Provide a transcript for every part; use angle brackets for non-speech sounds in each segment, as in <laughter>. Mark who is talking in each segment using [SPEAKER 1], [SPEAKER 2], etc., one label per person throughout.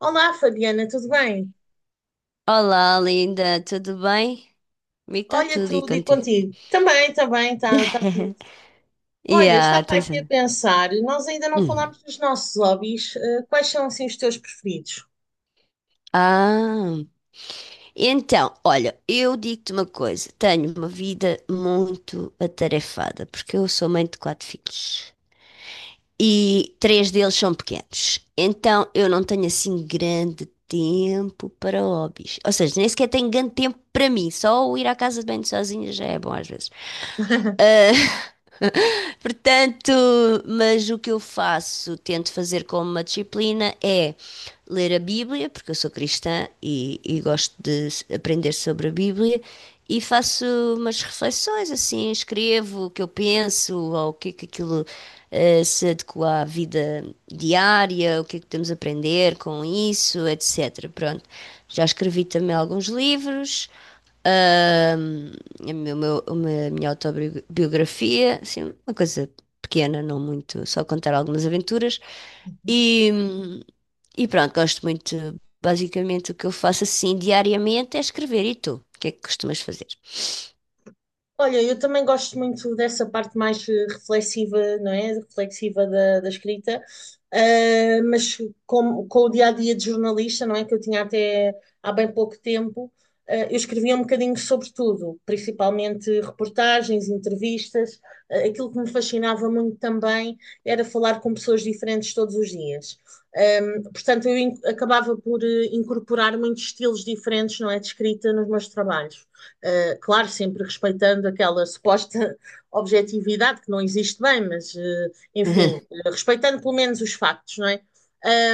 [SPEAKER 1] Olá, Fabiana, tudo bem?
[SPEAKER 2] Olá, linda, tudo bem? Comigo está
[SPEAKER 1] Olha,
[SPEAKER 2] tudo e
[SPEAKER 1] tudo e
[SPEAKER 2] contigo.
[SPEAKER 1] contigo? Também, está tudo.
[SPEAKER 2] <laughs>
[SPEAKER 1] Olha,
[SPEAKER 2] Yeah, tens...
[SPEAKER 1] estava aqui a
[SPEAKER 2] atenção.
[SPEAKER 1] pensar, nós ainda não
[SPEAKER 2] Hum.
[SPEAKER 1] falámos dos nossos hobbies. Quais são, assim, os teus preferidos?
[SPEAKER 2] Ah, então, olha, eu digo-te uma coisa, tenho uma vida muito atarefada, porque eu sou mãe de quatro filhos e três deles são pequenos, então eu não tenho assim grande tempo para hobbies, ou seja, nem sequer tenho grande tempo para mim, só o ir à casa de banho sozinha já é bom às vezes.
[SPEAKER 1] <laughs>
[SPEAKER 2] Portanto, mas o que eu faço, tento fazer como uma disciplina, é ler a Bíblia, porque eu sou cristã e gosto de aprender sobre a Bíblia, e faço umas reflexões assim, escrevo o que eu penso, ou o que é que aquilo se adequa à vida diária, o que é que temos a aprender com isso, etc. Pronto. Já escrevi também alguns livros. ahm, a minha autobiografia, assim, uma coisa pequena, não muito, só contar algumas aventuras. E, e pronto, gosto muito. Basicamente, o que eu faço assim diariamente é escrever. E tu? O que é que costumas fazer?
[SPEAKER 1] Olha, eu também gosto muito dessa parte mais reflexiva, não é? Reflexiva da escrita. Mas com o dia a dia de jornalista, não é? Que eu tinha até há bem pouco tempo, eu escrevia um bocadinho sobre tudo, principalmente reportagens, entrevistas. Ah, aquilo que me fascinava muito também era falar com pessoas diferentes todos os dias. Ah, portanto, acabava por incorporar muitos estilos diferentes, não é? De escrita nos meus trabalhos. Claro, sempre respeitando aquela suposta <laughs> objetividade que não existe bem, mas
[SPEAKER 2] <laughs> Aham.
[SPEAKER 1] enfim, respeitando pelo menos os factos, não é?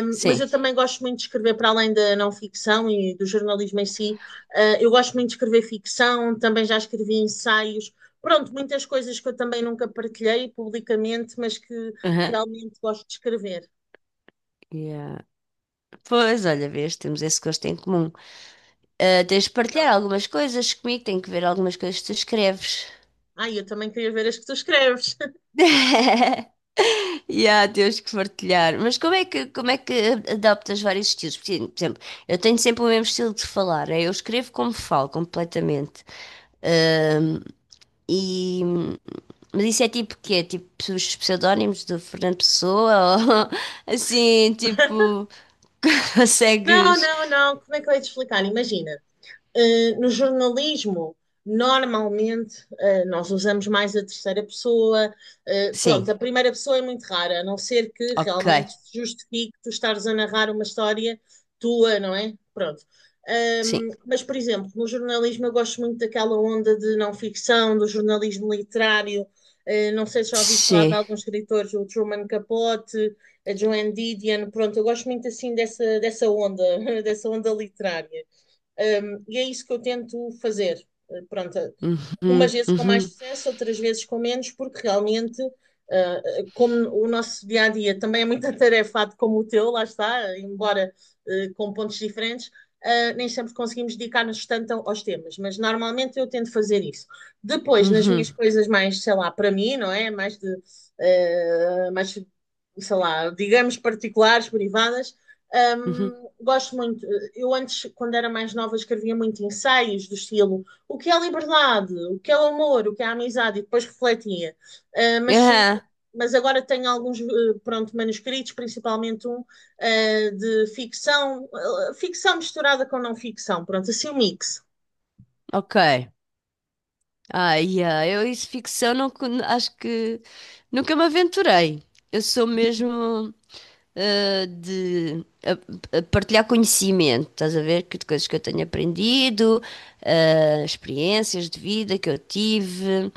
[SPEAKER 1] Mas
[SPEAKER 2] Sim.
[SPEAKER 1] eu também gosto muito de escrever para além da não ficção e do jornalismo em si. Eu gosto muito de escrever ficção, também já escrevi ensaios, pronto, muitas coisas que eu também nunca partilhei publicamente, mas que
[SPEAKER 2] Aham,
[SPEAKER 1] realmente gosto de escrever.
[SPEAKER 2] yeah. Pois, olha, vês, temos esse gosto em comum. Ah, tens de partilhar algumas coisas comigo, tenho que ver algumas coisas que tu escreves.
[SPEAKER 1] Ai, eu também queria ver as que tu escreves. <laughs>
[SPEAKER 2] <laughs> E há, temos que partilhar. Mas como é que adaptas vários estilos? Porque, por exemplo, eu tenho sempre o mesmo estilo de falar. Eu escrevo como falo, completamente. Ahm, e, mas isso é tipo quê? Tipo os pseudónimos do Fernando Pessoa? Ou <laughs> assim, tipo, <laughs>
[SPEAKER 1] Não,
[SPEAKER 2] consegues?
[SPEAKER 1] não, não. Como é que eu ia te explicar? Imagina, no jornalismo, normalmente, nós usamos mais a terceira pessoa.
[SPEAKER 2] Sim,
[SPEAKER 1] Pronto, a primeira pessoa é muito rara, a não ser que
[SPEAKER 2] ok.
[SPEAKER 1] realmente se justifique tu estares a narrar uma história tua, não é? Pronto.
[SPEAKER 2] Sim.
[SPEAKER 1] Mas, por exemplo, no jornalismo eu gosto muito daquela onda de não ficção, do jornalismo literário. Não sei se já ouviste falar de
[SPEAKER 2] Sim.
[SPEAKER 1] alguns escritores, o Truman Capote, a Joan Didion. Pronto, eu gosto muito assim dessa onda, <laughs> dessa onda literária. E é isso que eu tento fazer. Pronto, umas
[SPEAKER 2] Uhum,
[SPEAKER 1] vezes com mais
[SPEAKER 2] uhum,
[SPEAKER 1] sucesso, outras vezes com menos, porque realmente, como o nosso dia a dia também é muito <laughs> atarefado como o teu, lá está, embora com pontos diferentes, nem sempre conseguimos dedicar-nos tanto aos temas, mas normalmente eu tento fazer isso. Depois, nas
[SPEAKER 2] uhum,
[SPEAKER 1] minhas coisas mais, sei lá, para mim, não é? Mais de, mais, sei lá, digamos, particulares, privadas,
[SPEAKER 2] uhum.
[SPEAKER 1] gosto muito. Eu antes, quando era mais nova, escrevia muito ensaios do estilo o que é liberdade, o que é o amor, o que é a amizade, e depois refletia. Uh, mas,
[SPEAKER 2] Aham,
[SPEAKER 1] mas agora tenho alguns pronto, manuscritos, principalmente um de ficção, ficção misturada com não ficção, pronto, assim um mix.
[SPEAKER 2] ok. Ah, yeah, eu isso ficção não, acho que nunca me aventurei. Eu sou mesmo de a partilhar conhecimento, estás a ver? Que de coisas que eu tenho aprendido, experiências de vida que eu tive,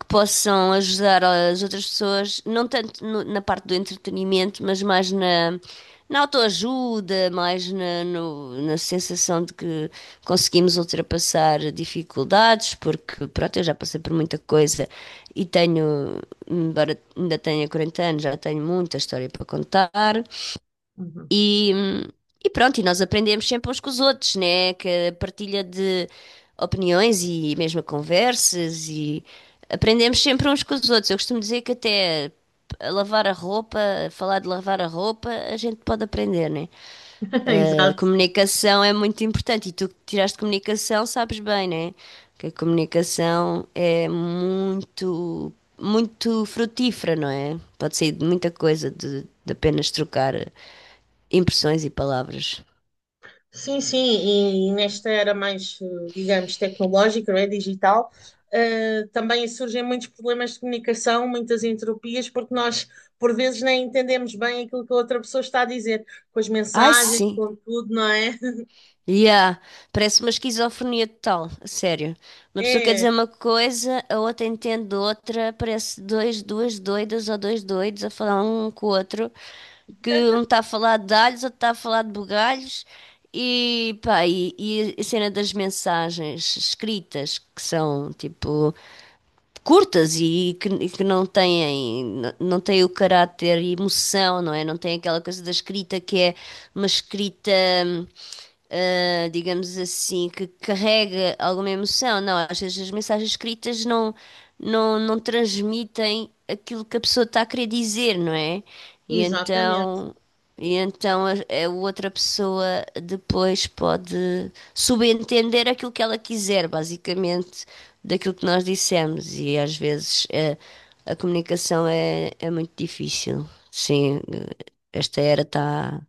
[SPEAKER 2] que possam ajudar as outras pessoas, não tanto na parte do entretenimento, mas mais na, na autoajuda, mais na, na sensação de que conseguimos ultrapassar dificuldades, porque pronto, eu já passei por muita coisa e tenho embora ainda tenha 40 anos, já tenho muita história para contar.
[SPEAKER 1] Uhum.
[SPEAKER 2] E, e pronto, e nós aprendemos sempre uns com os outros, né? Que a partilha de opiniões e mesmo conversas e aprendemos sempre uns com os outros. Eu costumo dizer que até a lavar a roupa, a falar de lavar a roupa, a gente pode aprender, né?
[SPEAKER 1] <laughs>
[SPEAKER 2] A
[SPEAKER 1] Exato.
[SPEAKER 2] comunicação é muito importante e tu que tiraste comunicação sabes bem, né? Que a comunicação é muito frutífera, não é? Pode sair de muita coisa de apenas trocar impressões e palavras.
[SPEAKER 1] Sim, sim, e nesta era mais, digamos, tecnológica, não é? Digital, também surgem muitos problemas de comunicação, muitas entropias, porque nós, por vezes, nem entendemos bem aquilo que a outra pessoa está a dizer, com as
[SPEAKER 2] Ai,
[SPEAKER 1] mensagens,
[SPEAKER 2] sim.
[SPEAKER 1] com tudo, não é? <laughs>
[SPEAKER 2] Yeah, parece uma esquizofrenia total, a sério. Uma pessoa quer
[SPEAKER 1] É,
[SPEAKER 2] dizer uma coisa, a outra entende outra, parece dois, duas doidas ou dois doidos a falar um com o outro, que um está a falar de alhos, outro está a falar de bugalhos, e pá, e a cena das mensagens escritas, que são tipo curtas e que não têm, não têm o caráter e emoção, não é? Não tem aquela coisa da escrita que é uma escrita, hum, digamos assim, que carrega alguma emoção. Não, às vezes as mensagens escritas não transmitem aquilo que a pessoa está a querer dizer, não é? E
[SPEAKER 1] exatamente.
[SPEAKER 2] então. E então a outra pessoa depois pode subentender aquilo que ela quiser, basicamente daquilo que nós dissemos e às vezes a comunicação é muito difícil. Sim, esta era está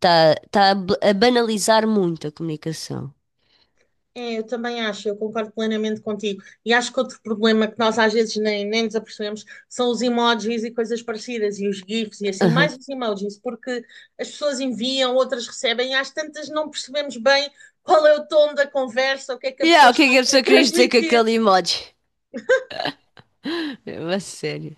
[SPEAKER 2] a banalizar muito a comunicação.
[SPEAKER 1] É, eu também acho, eu concordo plenamente contigo. E acho que outro problema que nós às vezes nem nos apercebemos são os emojis e coisas parecidas, e os GIFs e assim,
[SPEAKER 2] Aham.
[SPEAKER 1] mais os emojis, porque as pessoas enviam, outras recebem, e às tantas não percebemos bem qual é o tom da conversa, o que é que a
[SPEAKER 2] Yeah,
[SPEAKER 1] pessoa
[SPEAKER 2] o que
[SPEAKER 1] está
[SPEAKER 2] é
[SPEAKER 1] a
[SPEAKER 2] que a pessoa
[SPEAKER 1] querer <laughs>
[SPEAKER 2] queria dizer com
[SPEAKER 1] transmitir.
[SPEAKER 2] aquele emoji? <laughs> É uma sério.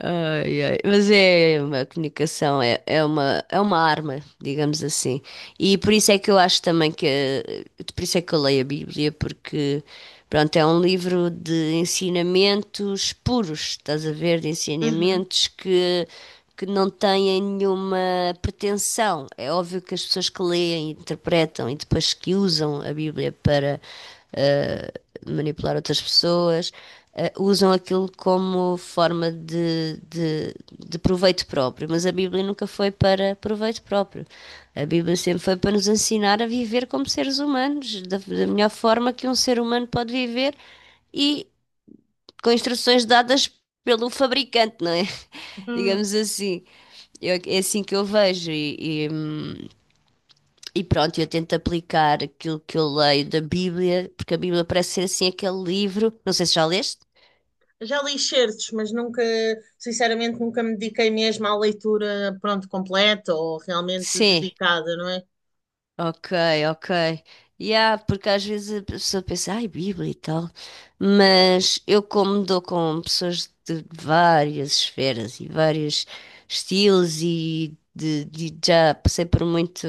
[SPEAKER 2] Ai, ai. Mas é uma comunicação, é uma arma, digamos assim. E por isso é que eu acho também que, por isso é que eu leio a Bíblia, porque, pronto, é um livro de ensinamentos puros, estás a ver, de
[SPEAKER 1] Uhum.
[SPEAKER 2] ensinamentos que não têm nenhuma pretensão. É óbvio que as pessoas que leem, interpretam e depois que usam a Bíblia para eh, manipular outras pessoas, usam aquilo como forma de proveito próprio, mas a Bíblia nunca foi para proveito próprio. A Bíblia sempre foi para nos ensinar a viver como seres humanos, da melhor forma que um ser humano pode viver e com instruções dadas pelo fabricante, não é? <laughs>
[SPEAKER 1] Hum.
[SPEAKER 2] Digamos assim. É assim que eu vejo e pronto, eu tento aplicar aquilo que eu leio da Bíblia, porque a Bíblia parece ser assim aquele livro, não sei se já leste.
[SPEAKER 1] Já li certos, mas nunca, sinceramente, nunca me dediquei mesmo à leitura, pronto, completa ou realmente
[SPEAKER 2] Sim,
[SPEAKER 1] dedicada, não é?
[SPEAKER 2] ok, ok. E porque às vezes a pessoa pensa, ai, Bíblia e tal, mas eu como dou com pessoas de várias esferas e vários estilos e de, já passei por muito,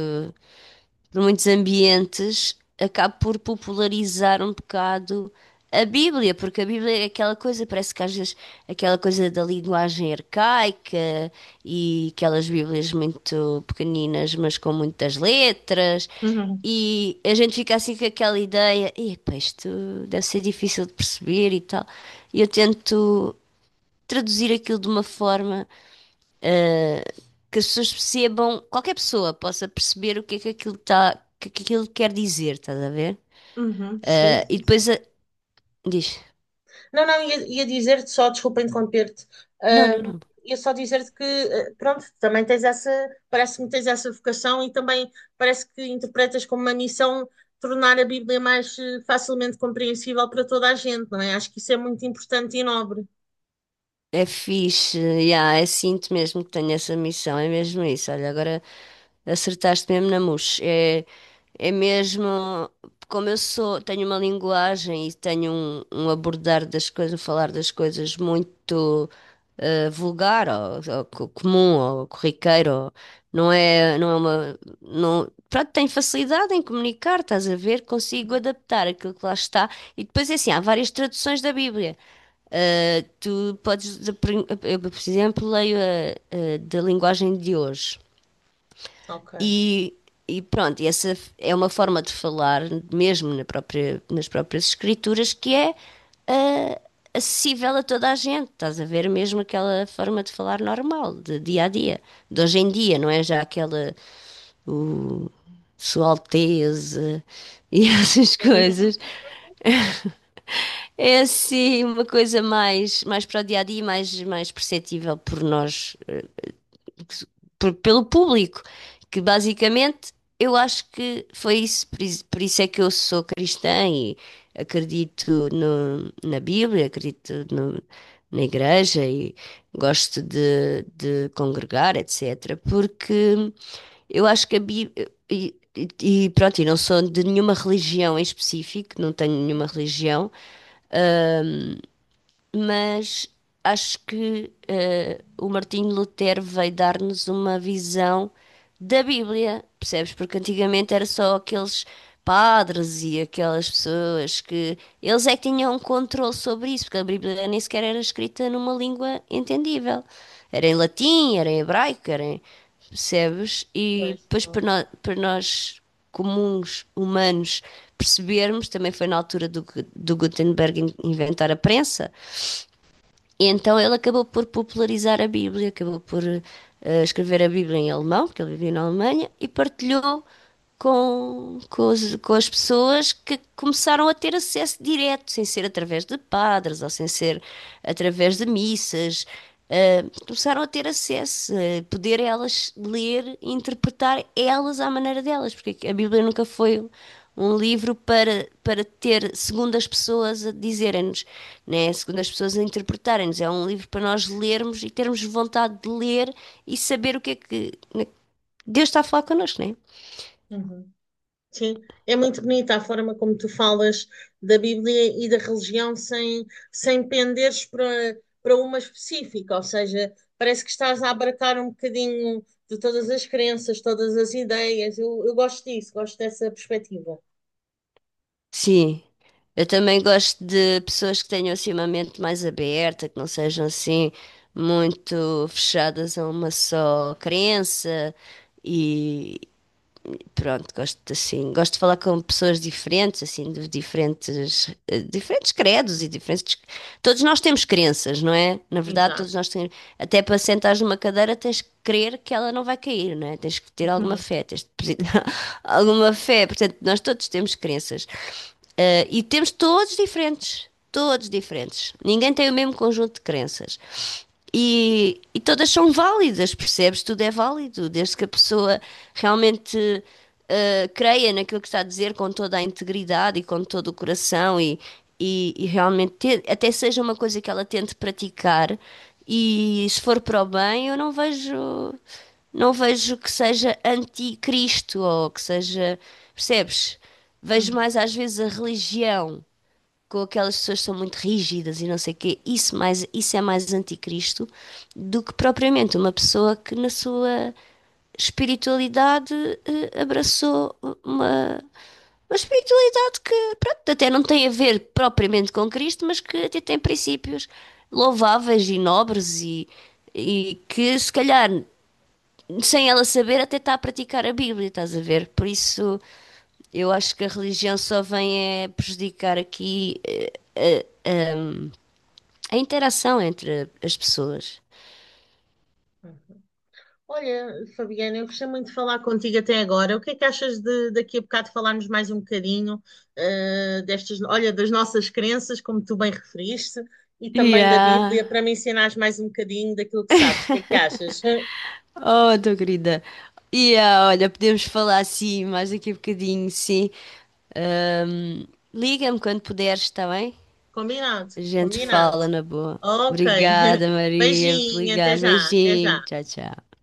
[SPEAKER 2] por muitos ambientes, acabo por popularizar um bocado a Bíblia, porque a Bíblia é aquela coisa, parece que às vezes aquela coisa da linguagem arcaica e aquelas Bíblias muito pequeninas, mas com muitas letras.
[SPEAKER 1] Uhum.
[SPEAKER 2] E a gente fica assim com aquela ideia, epá, isto deve ser difícil de perceber e tal. E eu tento traduzir aquilo de uma forma ah, que as pessoas percebam, qualquer pessoa possa perceber o que é que aquilo tá, que aquilo quer dizer, estás a ver?
[SPEAKER 1] Sim,
[SPEAKER 2] Ah, e
[SPEAKER 1] sim, sim.
[SPEAKER 2] depois diz,
[SPEAKER 1] Não, não, ia dizer-te só, desculpa interromper-te,
[SPEAKER 2] não, não,
[SPEAKER 1] hum,
[SPEAKER 2] não.
[SPEAKER 1] ia só dizer-te que, pronto, também tens essa, parece-me que tens essa vocação e também parece que interpretas como uma missão tornar a Bíblia mais facilmente compreensível para toda a gente, não é? Acho que isso é muito importante e nobre.
[SPEAKER 2] É fixe, yeah, é sinto mesmo que tenho essa missão, é mesmo isso. Olha, agora acertaste mesmo na mousse. É, é mesmo, como eu sou, tenho uma linguagem e tenho um abordar das coisas, um falar das coisas muito vulgar, ou comum, ou corriqueiro, ou- não é, não é uma, não, pronto, tenho facilidade em comunicar, estás a ver? Consigo adaptar aquilo que lá está. E depois é assim, há várias traduções da Bíblia. Eh, tu podes, eu, por exemplo, leio a da linguagem de hoje.
[SPEAKER 1] Ok.
[SPEAKER 2] E, e pronto, e essa é uma forma de falar, mesmo na própria, nas próprias escrituras, que é ah, acessível a toda a gente. Estás a ver mesmo aquela forma de falar normal, de dia a dia, de hoje em dia, não é já aquela o, Sua Alteza e <laughs> essas coisas. É assim uma coisa mais, mais para o dia a dia, mais, mais perceptível por nós, pelo público, que basicamente eu acho que foi isso, por isso é que eu sou cristã e acredito na Bíblia, acredito na igreja e gosto de congregar, etc. Porque eu acho que a Bíblia. E pronto, e não sou de nenhuma religião em específico, não tenho nenhuma
[SPEAKER 1] <laughs>
[SPEAKER 2] religião, mas acho que o Martinho Lutero veio dar-nos uma visão da Bíblia, percebes? Porque antigamente era só aqueles padres e aquelas pessoas que eles é que tinham um controle sobre isso, porque a Bíblia nem sequer era escrita numa língua entendível. Era em latim, era em hebraico, era em, percebes? E
[SPEAKER 1] Pois,
[SPEAKER 2] depois para
[SPEAKER 1] exato.
[SPEAKER 2] nós, para nós comuns humanos percebermos, também foi na altura do, do Gutenberg inventar a prensa, e então ele acabou por popularizar a Bíblia, acabou por escrever a Bíblia em alemão, porque ele vivia na Alemanha, e partilhou com as pessoas que começaram a ter acesso direto, sem ser através de padres ou sem ser através de missas. Eh, começaram a ter acesso, a poder elas ler e interpretar elas à maneira delas, porque a Bíblia nunca foi um livro para, para ter, segundo as pessoas, a dizerem-nos, né? Segundo as pessoas a interpretarem-nos. É um livro para nós lermos e termos vontade de ler e saber o que é que, né? Deus está a falar connosco, né?
[SPEAKER 1] Uhum. Sim, é muito bonita a forma como tu falas da Bíblia e da religião sem, sem penderes para, para uma específica, ou seja, parece que estás a abarcar um bocadinho de todas as crenças, todas as ideias. Eu gosto disso, gosto dessa perspectiva.
[SPEAKER 2] Sim. Eu também gosto de pessoas que tenham assim uma mente mais aberta, que não sejam assim muito fechadas a uma só crença e, pronto, gosto assim, gosto de falar com pessoas diferentes, assim, de diferentes, diferentes credos e diferentes. Todos nós temos crenças, não é? Na verdade, todos
[SPEAKER 1] Exato.
[SPEAKER 2] nós temos. Até para sentares numa cadeira tens que crer que ela não vai cair, não é? Tens que ter alguma fé,
[SPEAKER 1] <laughs>
[SPEAKER 2] tens de <laughs> alguma fé. Portanto, nós todos temos crenças. E temos todos diferentes, todos diferentes. Ninguém tem o mesmo conjunto de crenças. E todas são válidas, percebes? Tudo é válido, desde que a pessoa realmente creia naquilo que está a dizer com toda a integridade e com todo o coração e realmente te, até seja uma coisa que ela tente praticar. E se for para o bem, eu não vejo não vejo que seja anticristo ou que seja, percebes? Vejo mais às vezes a religião, com aquelas pessoas que são muito rígidas e não sei o quê, isso, mais, isso é mais anticristo do que propriamente uma pessoa que na sua espiritualidade abraçou uma, uma espiritualidade que, pronto, até não tem a ver propriamente com Cristo, mas que até tem princípios louváveis e nobres e que se calhar sem ela saber, até está a praticar a Bíblia, estás a ver? Por isso, eu acho que a religião só vem é prejudicar aqui a interação entre as pessoas.
[SPEAKER 1] Uhum. Olha, Fabiana, eu gostei muito de falar contigo até agora. O que é que achas de daqui a bocado falarmos mais um bocadinho, eh, destas, olha, das nossas crenças, como tu bem referiste, e também da
[SPEAKER 2] Yeah.
[SPEAKER 1] Bíblia, para me ensinares mais um bocadinho daquilo que sabes. O que é que achas? <laughs>
[SPEAKER 2] Oh, tô querida. Yeah, olha, podemos falar assim mais daqui a bocadinho, sim. Ahm, liga-me quando puderes, está bem?
[SPEAKER 1] Combinado,
[SPEAKER 2] A gente
[SPEAKER 1] combinado.
[SPEAKER 2] fala na boa.
[SPEAKER 1] Ok. <laughs>
[SPEAKER 2] Obrigada, Maria, por
[SPEAKER 1] Beijinho, até
[SPEAKER 2] ligar.
[SPEAKER 1] já, até
[SPEAKER 2] Beijinho.
[SPEAKER 1] já.
[SPEAKER 2] Tchau, tchau.